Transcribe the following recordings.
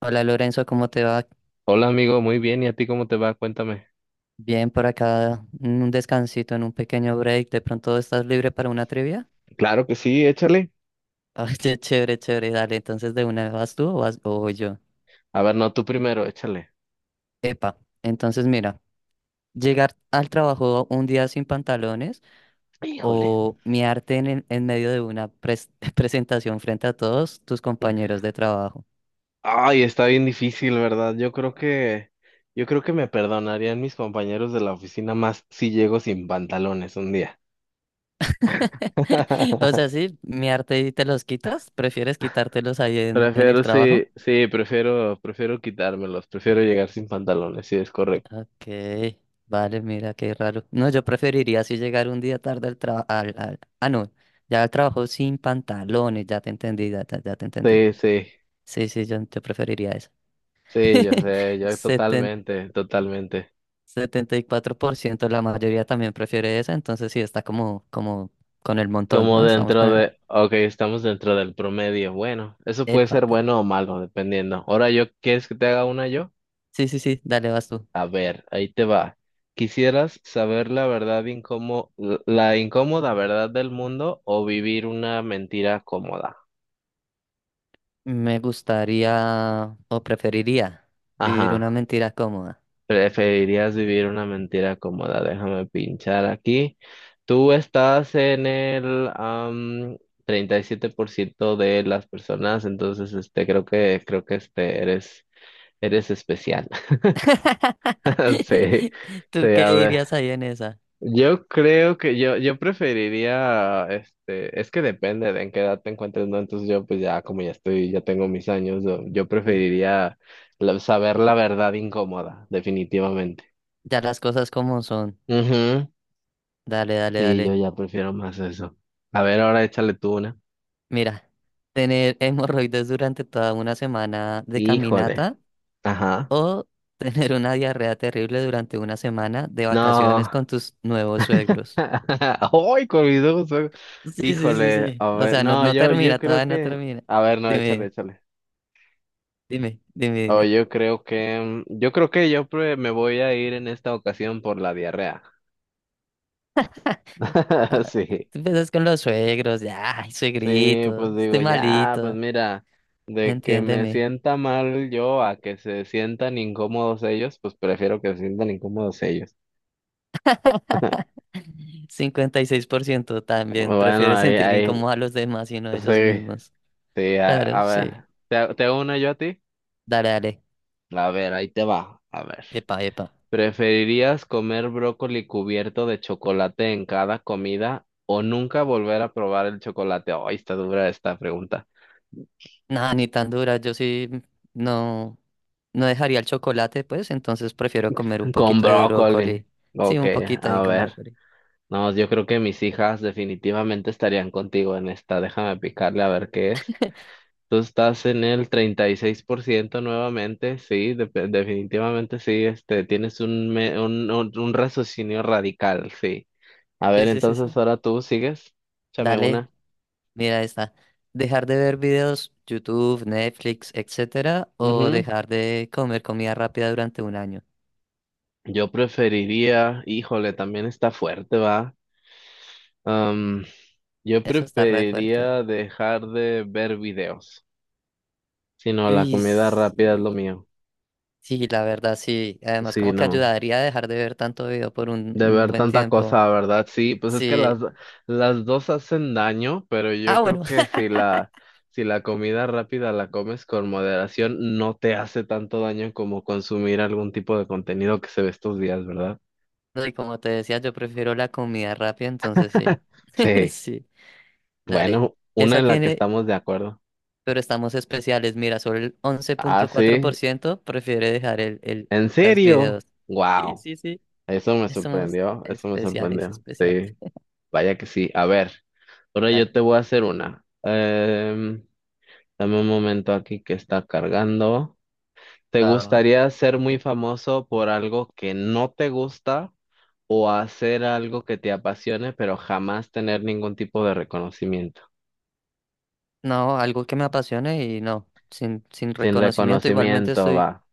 Hola Lorenzo, ¿cómo te va? Hola amigo, muy bien. ¿Y a ti cómo te va? Cuéntame. Bien por acá, en un descansito, en un pequeño break. ¿De pronto estás libre para una trivia? Claro que sí, échale. Oye, chévere, chévere, dale. Entonces, ¿de una vas tú o vas o voy yo? A ver, no, tú primero, échale. Epa, entonces mira, llegar al trabajo un día sin pantalones Híjole. o miarte en, en medio de una presentación frente a todos tus compañeros de trabajo. Ay, está bien difícil, ¿verdad? Yo creo que me perdonarían mis compañeros de la oficina más si llego sin pantalones un día. O sea, sí, miarte y te los quitas, ¿prefieres quitártelos ahí en el Prefiero, trabajo? sí, sí, prefiero quitármelos, prefiero llegar sin pantalones, sí, es correcto. Ok, vale, mira qué raro. No, yo preferiría así llegar un día tarde al trabajo. No, ya al trabajo sin pantalones, ya te entendí, ya, ya te entendí. Sí, sí, Sí, sí, yo preferiría eso. sí, yo sé, yo Seten- totalmente, totalmente. 74%, la mayoría también prefiere esa, entonces sí, está como, como con el montón, Como ¿no? Estamos con dentro el... de, ok, estamos dentro del promedio. Bueno, eso puede Epa. ser bueno o malo, dependiendo. Ahora yo, ¿quieres que te haga una yo? Sí, sí, sí, dale, vas tú. A ver, ahí te va. ¿Quisieras saber la verdad la incómoda verdad del mundo o vivir una mentira cómoda? Me gustaría o preferiría vivir una Ajá, mentira cómoda. preferirías vivir una mentira cómoda. Déjame pinchar aquí. Tú estás en el 37% de las personas, entonces este creo que este eres especial. Sí, ¿Tú sí, qué a ver. dirías ahí en esa? Yo creo que yo preferiría, este, es que depende de en qué edad te encuentres, ¿no? Entonces yo pues ya como ya estoy, ya tengo mis años, yo Sí. preferiría saber la verdad incómoda, definitivamente. Ya las cosas como son. Ujú. Dale, dale, Sí, yo dale. ya prefiero más eso. A ver, ahora échale tú una. Mira, tener hemorroides durante toda una semana de Híjole. caminata Ajá. o tener una diarrea terrible durante una semana de vacaciones No. con tus nuevos suegros. Ay, con mis ojos. Sí, sí, sí, Híjole. sí. A O ver, sea, no, no, no yo termina, creo todavía no que. termina. A ver, no, échale, Dime, échale. dime, dime, Oh, dime. yo creo que me voy a ir en esta ocasión por la diarrea. Ah, Sí, tú empiezas con los suegros, ya, ay, sí, suegrito, pues digo, estoy ya, pues malito, mira, de que me entiéndeme. sienta mal yo a que se sientan incómodos ellos, pues prefiero que se sientan incómodos ellos. 56% también Bueno, prefiere ahí, sentir ahí, incómodo a los demás y no a ellos sí, mismos. sí, a, Claro, a sí. ver, ¿te uno yo a ti? Dale, dale. A ver, ahí te va, a ver. Epa, epa. ¿Preferirías comer brócoli cubierto de chocolate en cada comida o nunca volver a probar el chocolate? Ay, está dura esta pregunta. Nada, ni tan dura. Yo sí no, no dejaría el chocolate, pues, entonces prefiero comer un Con poquito de brócoli. brócoli. Sí, Ok, un poquito ahí a con ver. brócoli. No, yo creo que mis hijas definitivamente estarían contigo en esta. Déjame picarle a ver qué es. Tú estás en el 36% nuevamente, sí, definitivamente sí, este, tienes un, me- un raciocinio radical, sí. A Sí, ver, sí, sí, entonces sí. ahora tú sigues, échame Dale, una. mira esta. Dejar de ver videos, YouTube, Netflix, etcétera, o Ujú. dejar de comer comida rápida durante un año. Yo preferiría, híjole, también está fuerte, va. Am, yo Eso está re fuerte. preferiría dejar de ver videos. Si no, la Uy, comida rápida es lo sí. mío. Sí, la verdad, sí. Además, Si como que no, ayudaría a dejar de ver tanto video por de un ver buen tanta tiempo. cosa, ¿verdad? Sí, pues es que Sí, las dos hacen daño, pero yo ah, creo bueno. que si la comida rápida la comes con moderación, no te hace tanto daño como consumir algún tipo de contenido que se ve estos días, ¿verdad? No, y como te decía, yo prefiero la comida rápida, entonces sí. Sí, Sí. Dale. bueno, una Esa en la que tiene, estamos de acuerdo. pero estamos especiales. Mira, solo el once Ah, punto cuatro por sí. ciento. prefiere dejar el, ¿En los serio? videos. Sí, Wow, sí, sí. eso me Somos sorprendió, eso me especiales, sorprendió. especiales. Sí, vaya que sí. A ver, ahora yo Dale. te voy a hacer una. Em, dame un momento aquí que está cargando. ¿Te Va, va, va. gustaría ser muy Sí. famoso por algo que no te gusta o hacer algo que te apasione pero jamás tener ningún tipo de reconocimiento? No, algo que me apasione y no. Sin, sin Sin reconocimiento, igualmente reconocimiento estoy va.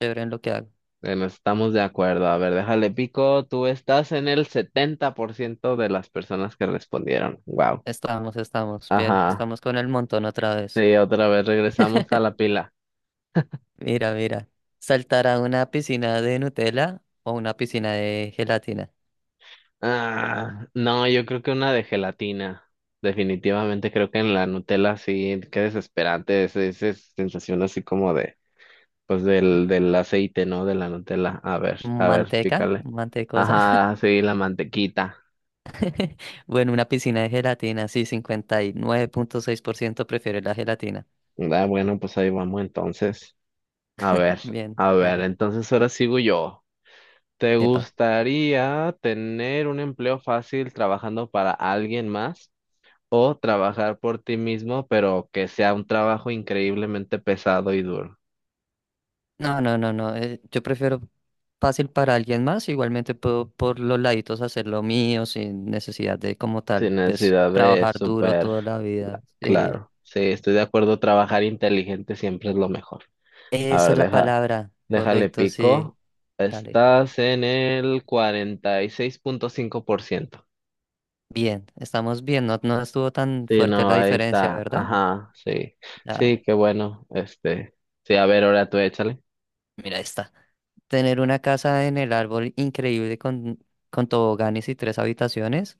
chévere en lo que hago. Bueno, estamos de acuerdo. A ver, déjale pico. Tú estás en el 70% de las personas que respondieron. Wow. Estamos, estamos bien. Ajá. Estamos con el montón otra vez. Sí, otra vez regresamos a la pila. Mira, mira. Saltar a una piscina de Nutella o una piscina de gelatina. Ah, no, yo creo que una de gelatina. Definitivamente creo que en la Nutella sí, qué desesperante esa sensación así como de, pues del aceite, ¿no? De la Nutella. A ver, Manteca, pícale. mantecosa. Ajá, sí, la mantequita. Bueno, una piscina de gelatina, sí, 59.6% prefiere la gelatina. Ah, bueno, pues ahí vamos entonces. A ver, Bien, a ver, dale. entonces ahora sigo yo. ¿Te Epa. gustaría tener un empleo fácil trabajando para alguien más o trabajar por ti mismo, pero que sea un trabajo increíblemente pesado y duro, No, no, no, no. Yo prefiero fácil para alguien más. Igualmente puedo por los laditos hacer lo mío sin necesidad de como tal, sin pues necesidad de trabajar duro súper toda la vida. Sí. claro? Sí, estoy de acuerdo, trabajar inteligente siempre es lo mejor. A Esa ver, es la palabra. déjale Correcto, sí. pico. Dale. Estás en el cuarenta y seis punto cinco por ciento. Bien, estamos bien, no, no estuvo tan Sí, fuerte no, la ahí diferencia, está. ¿verdad? Ajá, sí. Sí, Dale, qué bueno. Este, sí, a ver, ahora tú échale. mira esta. Tener una casa en el árbol increíble con toboganes y tres habitaciones,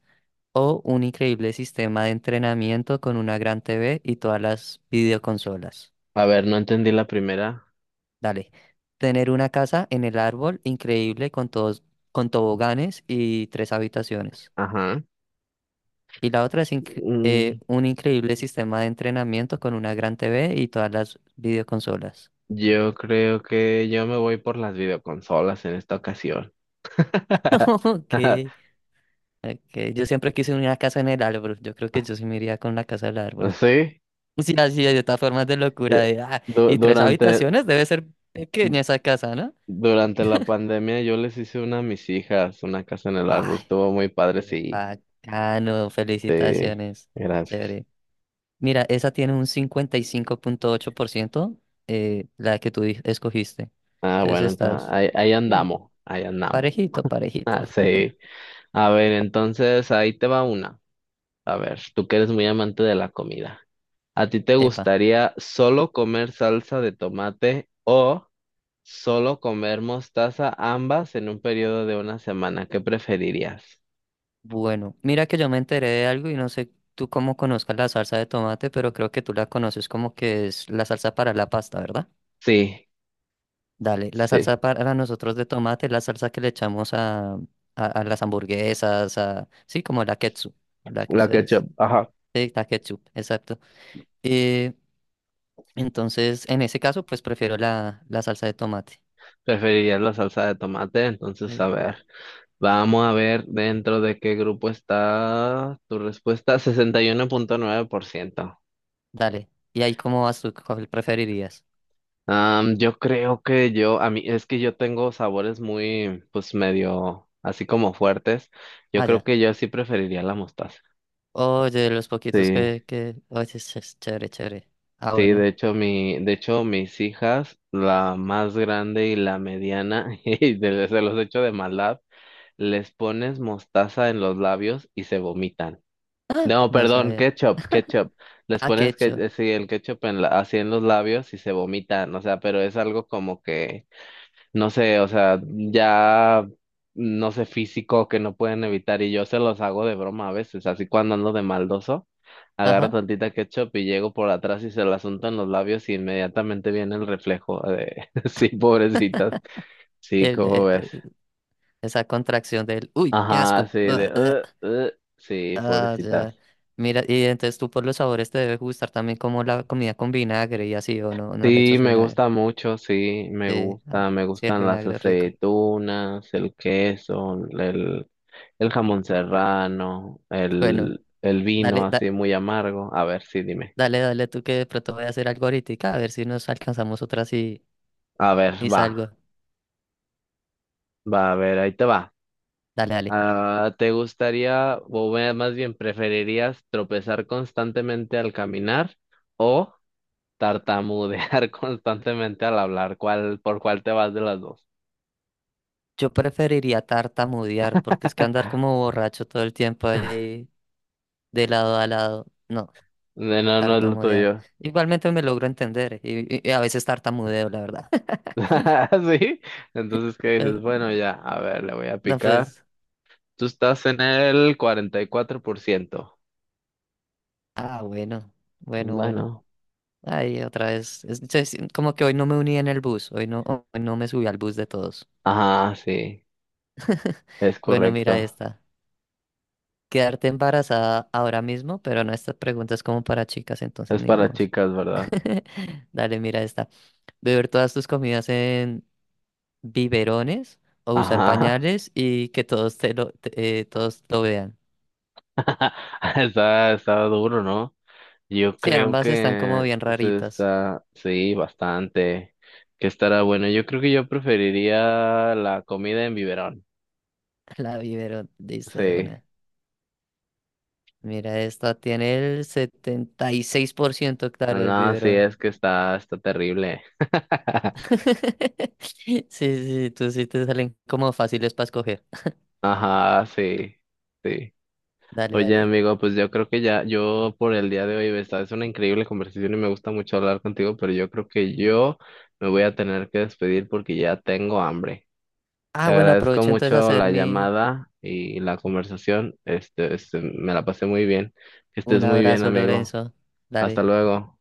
o un increíble sistema de entrenamiento con una gran TV y todas las videoconsolas. A ver, no entendí la primera. Dale. Tener una casa en el árbol increíble con todos, con toboganes y tres habitaciones. Ajá. Y la otra es Mm, un increíble sistema de entrenamiento con una gran TV y todas las videoconsolas. yo creo que yo me voy por las videoconsolas en esta ocasión. Ok. Ok, yo siempre quise una casa en el árbol. Yo creo que yo sí me iría con la casa del árbol. Sí, Sí, así de estas formas de locura yo- de, ah, y tres durante, habitaciones, debe ser pequeña esa casa, ¿no? durante la pandemia yo les hice una a mis hijas, una casa en el árbol. Ay, Estuvo muy padre, qué sí. bacano, Sí, felicitaciones. gracias. Chévere. Mira, esa tiene un 55.8%, la que tú escogiste. Ah, Entonces bueno, entonces estás, ahí, ahí sí, andamos, ahí andamos. parejito, parejito. Ah, sí. A ver, entonces ahí te va una. A ver, tú que eres muy amante de la comida. ¿A ti te Epa. gustaría solo comer salsa de tomate o solo comer mostaza, ambas en un periodo de una semana? ¿Qué preferirías? Bueno, mira que yo me enteré de algo y no sé tú cómo conozcas la salsa de tomate, pero creo que tú la conoces como que es la salsa para la pasta, ¿verdad? Sí, Dale, la sí, salsa para nosotros de tomate es la salsa que le echamos a las hamburguesas, a, sí, como la ketchup, la que la ustedes, ketchup, ajá. sí, la ketchup, exacto. Eh, entonces, en ese caso, pues prefiero la, la salsa de tomate. Preferirías la salsa de tomate, entonces a Eh, ver, vamos a ver dentro de qué grupo está tu respuesta, 61.9%. Dale, ¿y ahí cómo vas tú? ¿Cuál preferirías? Am, yo creo que yo, a mí, es que yo tengo sabores muy, pues medio, así como fuertes. Yo Ah, creo ya. que yo sí preferiría la mostaza. Oye, los poquitos Sí, que... Oye, es chévere, chévere. Ah, sí, bueno. de hecho, mi, de hecho, mis hijas, la más grande y la mediana, y se los echo de maldad, les pones mostaza en los labios y se vomitan. Ah, No, no perdón, sabía. ketchup, ketchup. Les Ah, qué pones que, hecho. Sí, el ketchup en así en los labios y se vomitan. O sea, pero es algo como que no sé, o sea, ya, no sé, físico que no pueden evitar y yo se los hago de broma a veces, así cuando ando de maldoso, agarro Ajá. tantita ketchup y llego por atrás y se la unto en los labios y inmediatamente viene el reflejo de, sí, pobrecitas, sí, El, ¿cómo eh, ves? eh, esa contracción del, uy, qué Ajá, asco. sí, Ah, ah, de, "Ugh, ugh", sí, ah, pobrecitas. ya. Mira, y entonces tú por los sabores te debe gustar también como la comida con vinagre y así, o no, no le Sí, echas me vinagre. gusta mucho, sí, me Sí, ah, gusta, me sí, el gustan las vinagre es rico. aceitunas, el queso, el jamón serrano, Bueno, el dale, vino así muy amargo. A ver, sí, dime. dale, dale tú que de pronto voy a hacer algo ahorita, a ver si nos alcanzamos otras A ver, y va, salgo. va, a ver, ahí te va. Dale, dale. Ah, ¿te gustaría, más bien, preferirías tropezar constantemente al caminar o tartamudear constantemente al hablar? ¿Cuál, por cuál te vas de las dos? Yo preferiría tartamudear, porque es que andar como borracho todo el tiempo ahí de lado a lado. No. No, no es lo Tartamudear. tuyo. Igualmente me logro entender y a veces tartamudeo, la verdad. ¿Sí? Entonces, ¿qué Eh, dices? Bueno, ya, a ver, le voy a No, picar. pues, Tú estás en el cuarenta y cuatro por ciento. ah, bueno, Pues bueno, bueno. bueno, Ay, otra vez. Como que hoy no me uní en el bus, hoy no me subí al bus de todos. ajá, sí, es Bueno, mira correcto. esta. Quedarte embarazada ahora mismo, pero no, esta pregunta es como para chicas, entonces Es ni para modos. chicas, ¿verdad? Dale, mira esta. Beber todas tus comidas en biberones o usar Ajá. pañales y que todos te lo, todos lo vean. Está, está duro, ¿no? Yo Sí, creo ambas están como que bien se raritas. está, sí, bastante. Que estará bueno. Yo creo que yo preferiría la comida en biberón. La vivero listo de Sí. una. Mira, esta tiene el 76% claro el No, sí, biberón. es que está, está terrible. Sí, sí, tú sí te salen como fáciles para escoger. Ajá, sí, sí. Dale, Oye, dale. amigo, pues yo creo que ya, yo por el día de hoy, esta es una increíble conversación y me gusta mucho hablar contigo, pero yo creo que yo me voy a tener que despedir porque ya tengo hambre. Te Ah, bueno, agradezco aprovecho entonces a mucho hacer la mi llamada y la conversación. Este, me la pasé muy bien. Que un estés muy bien, abrazo, amigo. Lorenzo. Hasta Dale. luego.